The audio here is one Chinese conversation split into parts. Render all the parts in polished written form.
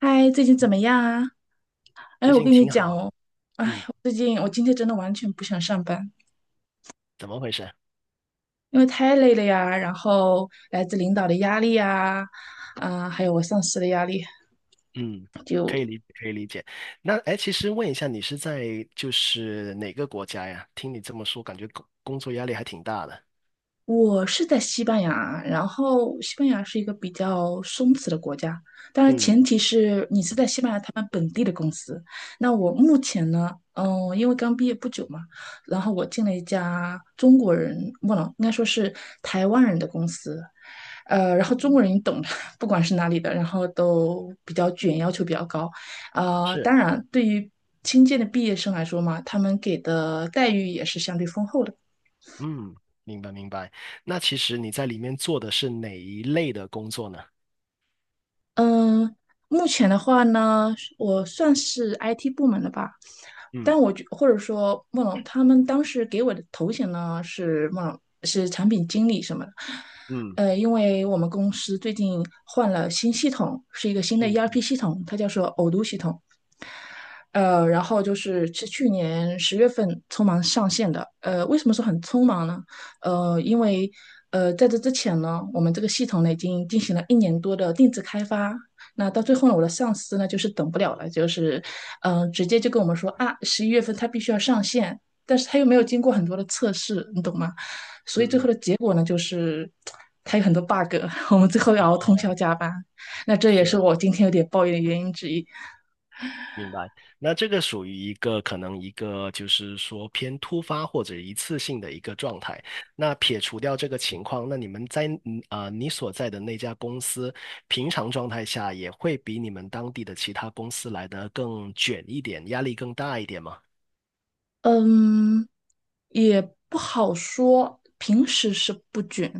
嗨，最近怎么样啊？哎，最我近跟你挺好讲啊。哦，哎，嗯，我最近我今天真的完全不想上班，怎么回事？因为太累了呀，然后来自领导的压力呀，啊，还有我上司的压力。嗯，就可以理解可以理解。那哎，其实问一下，你是在就是哪个国家呀？听你这么说，感觉工作压力还挺大的。我是在西班牙，然后西班牙是一个比较松弛的国家，当然嗯，前提是你是在西班牙他们本地的公司。那我目前呢，因为刚毕业不久嘛，然后我进了一家中国人，不能，应该说是台湾人的公司，然后中国人你懂的，不管是哪里的，然后都比较卷，要求比较高。是，当然，对于新建的毕业生来说嘛，他们给的待遇也是相对丰厚的。嗯，明白明白。那其实你在里面做的是哪一类的工作呢？嗯、目前的话呢，我算是 IT 部门的吧，但嗯我觉或者说孟龙他们当时给我的头衔呢是孟龙是产品经理什么的。嗯因为我们公司最近换了新系统，是一个新的 嗯 ERP 嗯系统，它叫做偶读系统。然后就是去年10月份匆忙上线的。为什么说很匆忙呢？因为在这之前呢，我们这个系统呢已经进行了一年多的定制开发。那到最后呢，我的上司呢就是等不了了，就是直接就跟我们说啊，11月份他必须要上线，但是他又没有经过很多的测试，你懂吗？所以最嗯后嗯，的结果呢，就是他有很多 bug，我们最后要熬通宵哦，加班。那这也是是，我今天有点抱怨的原因之一。明白，那这个属于一个可能一个就是说偏突发或者一次性的一个状态。那撇除掉这个情况，那你们在你所在的那家公司，平常状态下也会比你们当地的其他公司来的更卷一点，压力更大一点吗？嗯，也不好说，平时是不卷，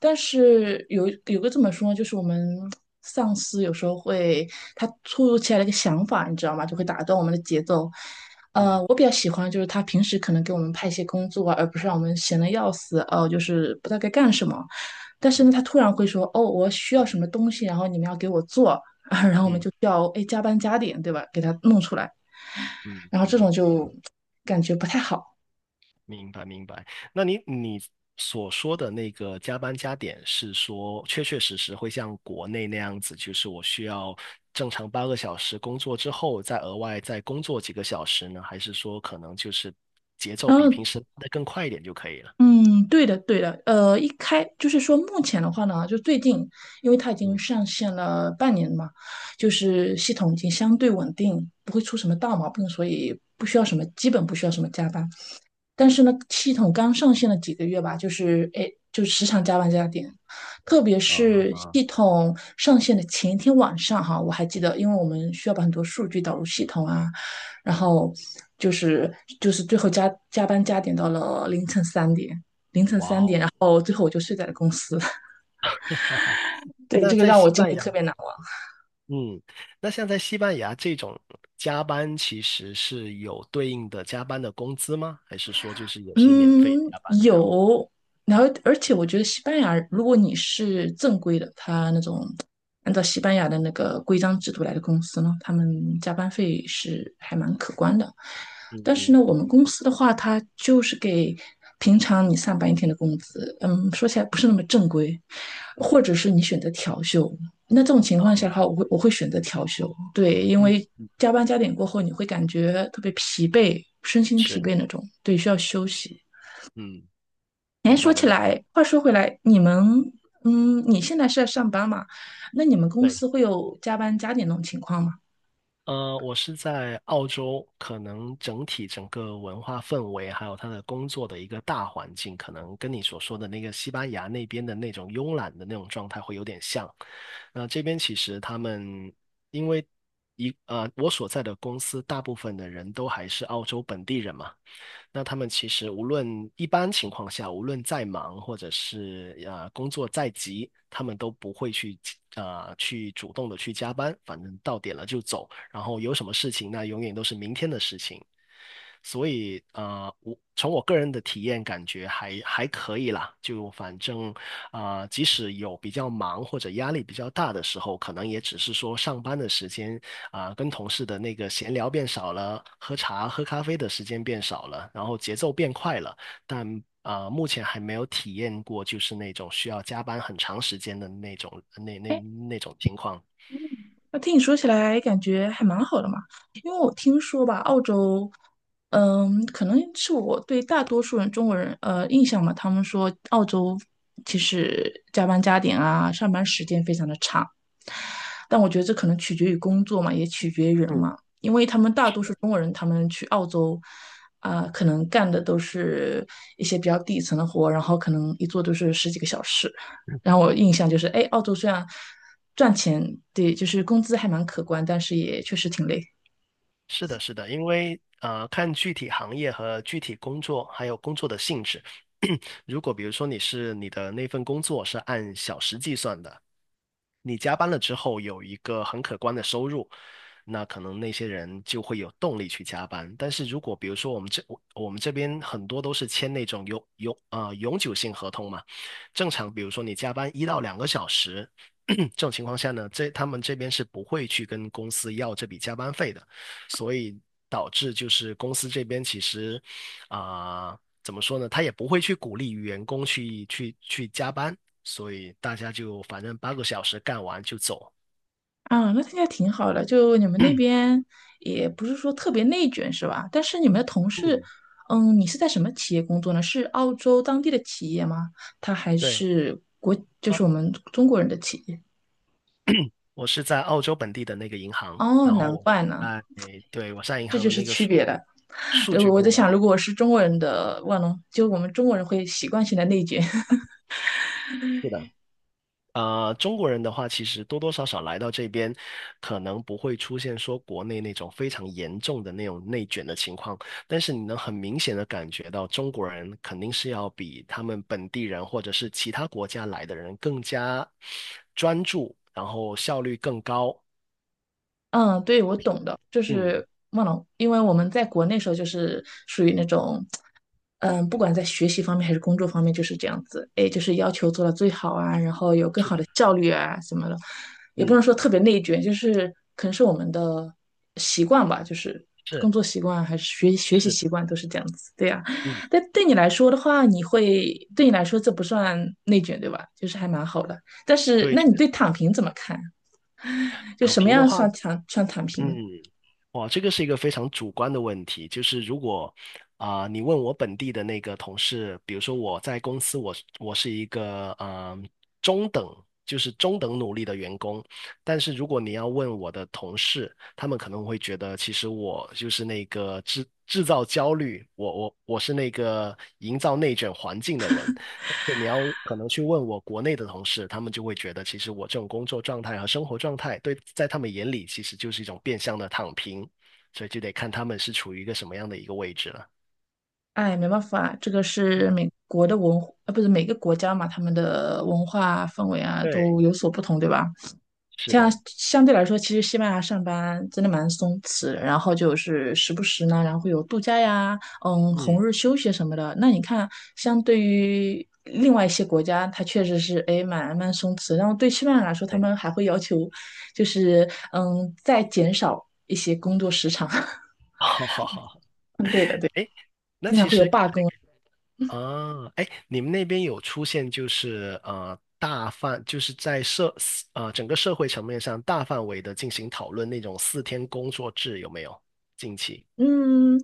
但是有个这么说呢，就是我们上司有时候会他突如其来的一个想法，你知道吗？就会打断我们的节奏。嗯我比较喜欢就是他平时可能给我们派一些工作啊，而不是让我们闲得要死，就是不知道该干什么。但是呢，嗯他突然会说，哦，我需要什么东西，然后你们要给我做，啊。"然后我们嗯就需要加班加点，对吧？给他弄出来，嗯然后这嗯。种就感觉不太好。明白明白。那你所说的那个加班加点，是说确确实实会像国内那样子，就是我需要正常八个小时工作之后，再额外再工作几个小时呢？还是说可能就是节奏然比后，平时的更快一点就可以了？嗯，对的，对的，一开就是说，目前的话呢，就最近，因为它已经嗯上线了半年嘛，就是系统已经相对稳定，不会出什么大毛病，所以不需要什么，基本不需要什么加班。但是呢，系统刚上线了几个月吧，就是就时常加班加点，特别啊是啊，系统上线的前一天晚上哈，我还记得，因为我们需要把很多数据导入系统啊，然嗯，后就是就是最后加班加点到了凌晨三点，哇哦。哦，最后我就睡在了公司，对，那这个在让我西经班历牙，特别难。嗯，那像在西班牙这种加班，其实是有对应的加班的工资吗？还是说就是也是免费嗯，加班这样？有，然后而且我觉得西班牙，如果你是正规的，他那种按照西班牙的那个规章制度来的公司呢，他们加班费是还蛮可观的。嗯但是嗯呢，我们公司的话，它就是给平常你上班一天的工资，说起来不是那么正规，或嗯，者是你选择调休，那这种情况下的话，哦，我会选择调休，对，因嗯为嗯，加班加点过后，你会感觉特别疲惫，身心疲是，惫那种，对，需要休息。嗯，哎，明说白起明白。来，话说回来，你们，嗯，你现在是在上班嘛？那你们公对，司会有加班加点那种情况吗？我是在澳洲，可能整体整个文化氛围，还有他的工作的一个大环境，可能跟你所说的那个西班牙那边的那种慵懒的那种状态会有点像。那这边其实他们因为一呃，我所在的公司大部分的人都还是澳洲本地人嘛。那他们其实无论一般情况下，无论再忙或者是工作再急，他们都不会去主动的去加班，反正到点了就走，然后有什么事情那永远都是明天的事情。所以我从我个人的体验感觉还可以啦，就反正即使有比较忙或者压力比较大的时候，可能也只是说上班的时间跟同事的那个闲聊变少了，喝茶、喝咖啡的时间变少了，然后节奏变快了，但目前还没有体验过就是那种需要加班很长时间的那种情况。那听你说起来，感觉还蛮好的嘛。因为我听说吧，澳洲，可能是我对大多数人中国人印象嘛，他们说澳洲其实加班加点啊，上班时间非常的长。但我觉得这可能取决于工作嘛，也取决于人嗯，嘛。因为他们大多数中国人，他们去澳洲可能干的都是一些比较底层的活，然后可能一做都是十几个小时。然后我印象就是，哎，澳洲虽然赚钱，对，就是工资还蛮可观，但是也确实挺累是的，是的，因为看具体行业和具体工作，还有工作的性质。如果比如说你的那份工作是按小时计算的，你加班了之后有一个很可观的收入，那可能那些人就会有动力去加班。但是如果比如说我们这边很多都是签那种永久性合同嘛，正常比如说你加班1到2个小时，这种情况下呢，他们这边是不会去跟公司要这笔加班费的，所以导致就是公司这边其实啊。怎么说呢？他也不会去鼓励员工去加班，所以大家就反正八个小时干完就走。啊。那听起来挺好的，就你们那边也不是说特别内卷是吧？但是你们的同事，嗯，嗯，你是在什么企业工作呢？是澳洲当地的企业吗？它还对是就啊，是我们中国人的企业？我是在澳洲本地的那个银行，哦，然后难我是怪呢，在，对，我在银这行就的是那个区数别了。数据我部在想，门。如果我是中国人的万隆，就我们中国人会习惯性的内卷。是的。中国人的话，其实多多少少来到这边，可能不会出现说国内那种非常严重的那种内卷的情况，但是你能很明显的感觉到，中国人肯定是要比他们本地人或者是其他国家来的人更加专注，然后效率更高，嗯，对，我懂的，就嗯，是忘了，因为我们在国内时候就是属于那种，不管在学习方面还是工作方面，就是这样子，哎，就是要求做到最好啊，然后有更是好的，的效率啊什么的，也不嗯，能说特别内卷，就是可能是我们的习惯吧，就是工是作习惯还是学习是的，习惯都是这样子，对呀。嗯，但对你来说的话，对你来说这不算内卷，对吧？就是还蛮好的。但是，对，那这你个对躺平怎么看？就躺什么平的样话，算躺平？嗯，哇，这个是一个非常主观的问题，就是如果你问我本地的那个同事，比如说我在公司我是一个中等，就是中等努力的员工，但是如果你要问我的同事，他们可能会觉得，其实我就是那个制造焦虑，我是那个营造内卷环境的人。是你要可能去问我国内的同事，他们就会觉得，其实我这种工作状态和生活状态，对，在他们眼里其实就是一种变相的躺平，所以就得看他们是处于一个什么样的一个位置了。哎，没办法，这个是美国的文化，不是每个国家嘛，他们的文化氛围啊都对，有所不同，对吧？是像的，相对来说，其实西班牙上班真的蛮松弛的然后就是时不时呢，然后会有度假呀，红嗯，日休息什么的。那你看，相对于另外一些国家，它确实是蛮松弛。然后对西班牙来说，他对，们还会要求，就是再减少一些工作时长。好好好，对的，对，哎，那经常其会有实啊，哎，你们那边有出现就是大范，就是在社整个社会层面上大范围的进行讨论那种4天工作制有没有？近期，嗯，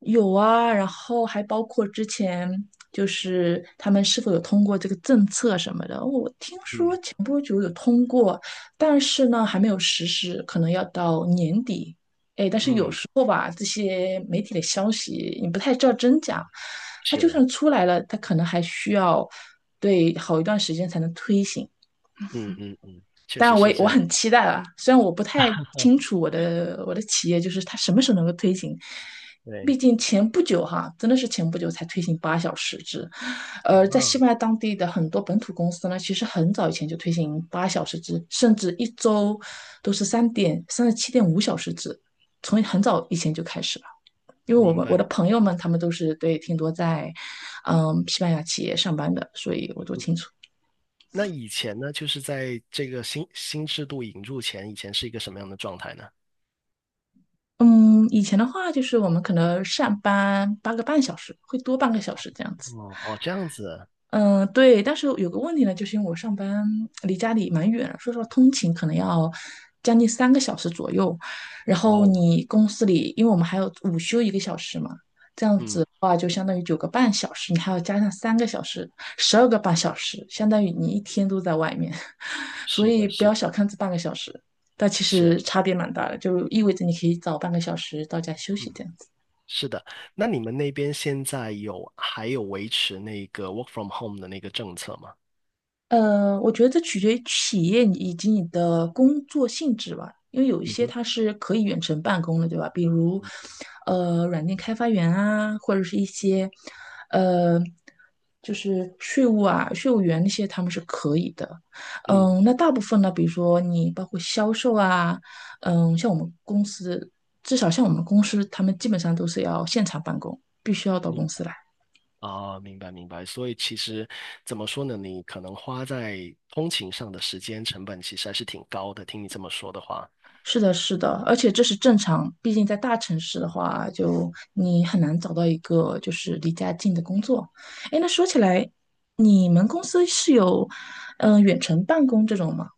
有啊，然后还包括之前就是他们是否有通过这个政策什么的，我听说嗯前不久有通过，但是呢还没有实施，可能要到年底。哎，但是有嗯。时候吧，这些媒体的消息你不太知道真假，它就是。算出来了，它可能还需要对好一段时间才能推行。嗯嗯嗯，确当实然我是也这我样。很期待啊，虽然我不太清楚我的企业就是它什么时候能够推行，毕对，竟前不久哈，真的是前不久才推行八小时制，在西啊，班牙当地的很多本土公司呢，其实很早以前就推行八小时制，甚至一周都是三点三十七点五小时制，从很早以前就开始了。因为明白我的明朋白。友们他们都是挺多在，西班牙企业上班的，所以我都清嗯楚。那以前呢，就是在这个新制度引入前，以前是一个什么样的状态呢？嗯，以前的话就是我们可能上班8个半小时，会多半个小时这样子。哦哦，这样子，对，但是有个问题呢，就是因为我上班离家里蛮远的说实话，通勤可能要将近三个小时左右。然哇后哦，你公司里，因为我们还有午休1个小时嘛，这样子嗯，的话就相当于9个半小时，你还要加上三个小时，12个半小时，相当于你一天都在外面。所是以的，不是要的，小看这半个小时，但其是，实差别蛮大的，就意味着你可以早半个小时到家休嗯，息这样。是的。那你们那边现在还有维持那个 work from home 的那个政策吗？我觉得这取决于企业以及你的工作性质吧，因为有一嗯些哼，它是可以远程办公的，对吧？比如，软件开发员啊，或者是一些，呃，就是税务啊、税务员那些，他们是可以的。嗯，那大部分呢，比如说你包括销售啊，像我们公司，至少像我们公司，他们基本上都是要现场办公，必须要到你公司来。明白明白。所以其实怎么说呢，你可能花在通勤上的时间成本其实还是挺高的。听你这么说的话。是的，是的，而且这是正常，毕竟在大城市的话，就你很难找到一个就是离家近的工作。哎，那说起来，你们公司是有远程办公这种吗？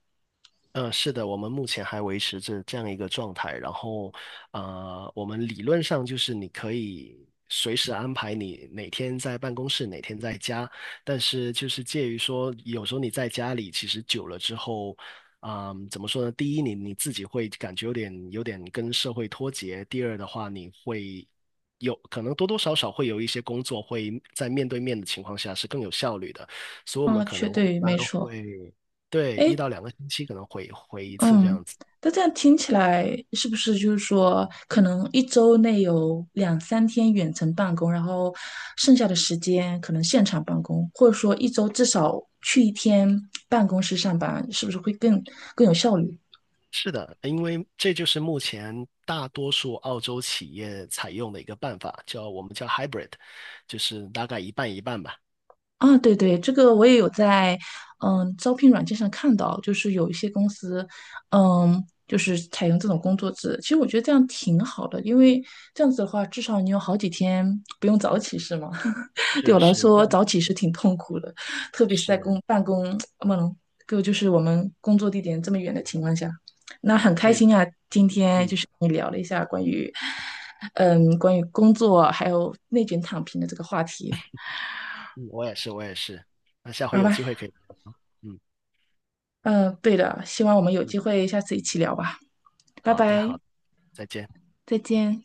嗯，是的，我们目前还维持着这样一个状态。然后，我们理论上就是你可以随时安排你哪天在办公室，哪天在家。但是就是介于说，有时候你在家里其实久了之后，嗯，怎么说呢？第一，你自己会感觉有点跟社会脱节；第二的话，你会有可能多多少少会有一些工作会在面对面的情况下是更有效率的，所以我们啊，可能一对，般没错。会。对，哎，1到2个星期可能回一次这嗯，样子。那这样听起来是不是就是说，可能一周内有两三天远程办公，然后剩下的时间可能现场办公，或者说一周至少去一天办公室上班，是不是会更有效率？是的，因为这就是目前大多数澳洲企业采用的一个办法，我们叫 hybrid，就是大概一半一半吧。啊，对对，这个我也有在，招聘软件上看到，就是有一些公司，就是采用这种工作制。其实我觉得这样挺好的，因为这样子的话，至少你有好几天不用早起，是吗？对是我来是，这说，样早起是挺痛苦的，特别是在是办公，嗯，就是我们工作地点这么远的情况下，那很开对的。心啊，今天嗯就是跟你聊了一下关于工作还有内卷躺平的这个话题，嗯，我也是，我也是。那下回好有吧？机会可以。嗯嗯，对的，希望我们有嗯，机会下次一起聊吧，拜好的好拜，的，再见。再见。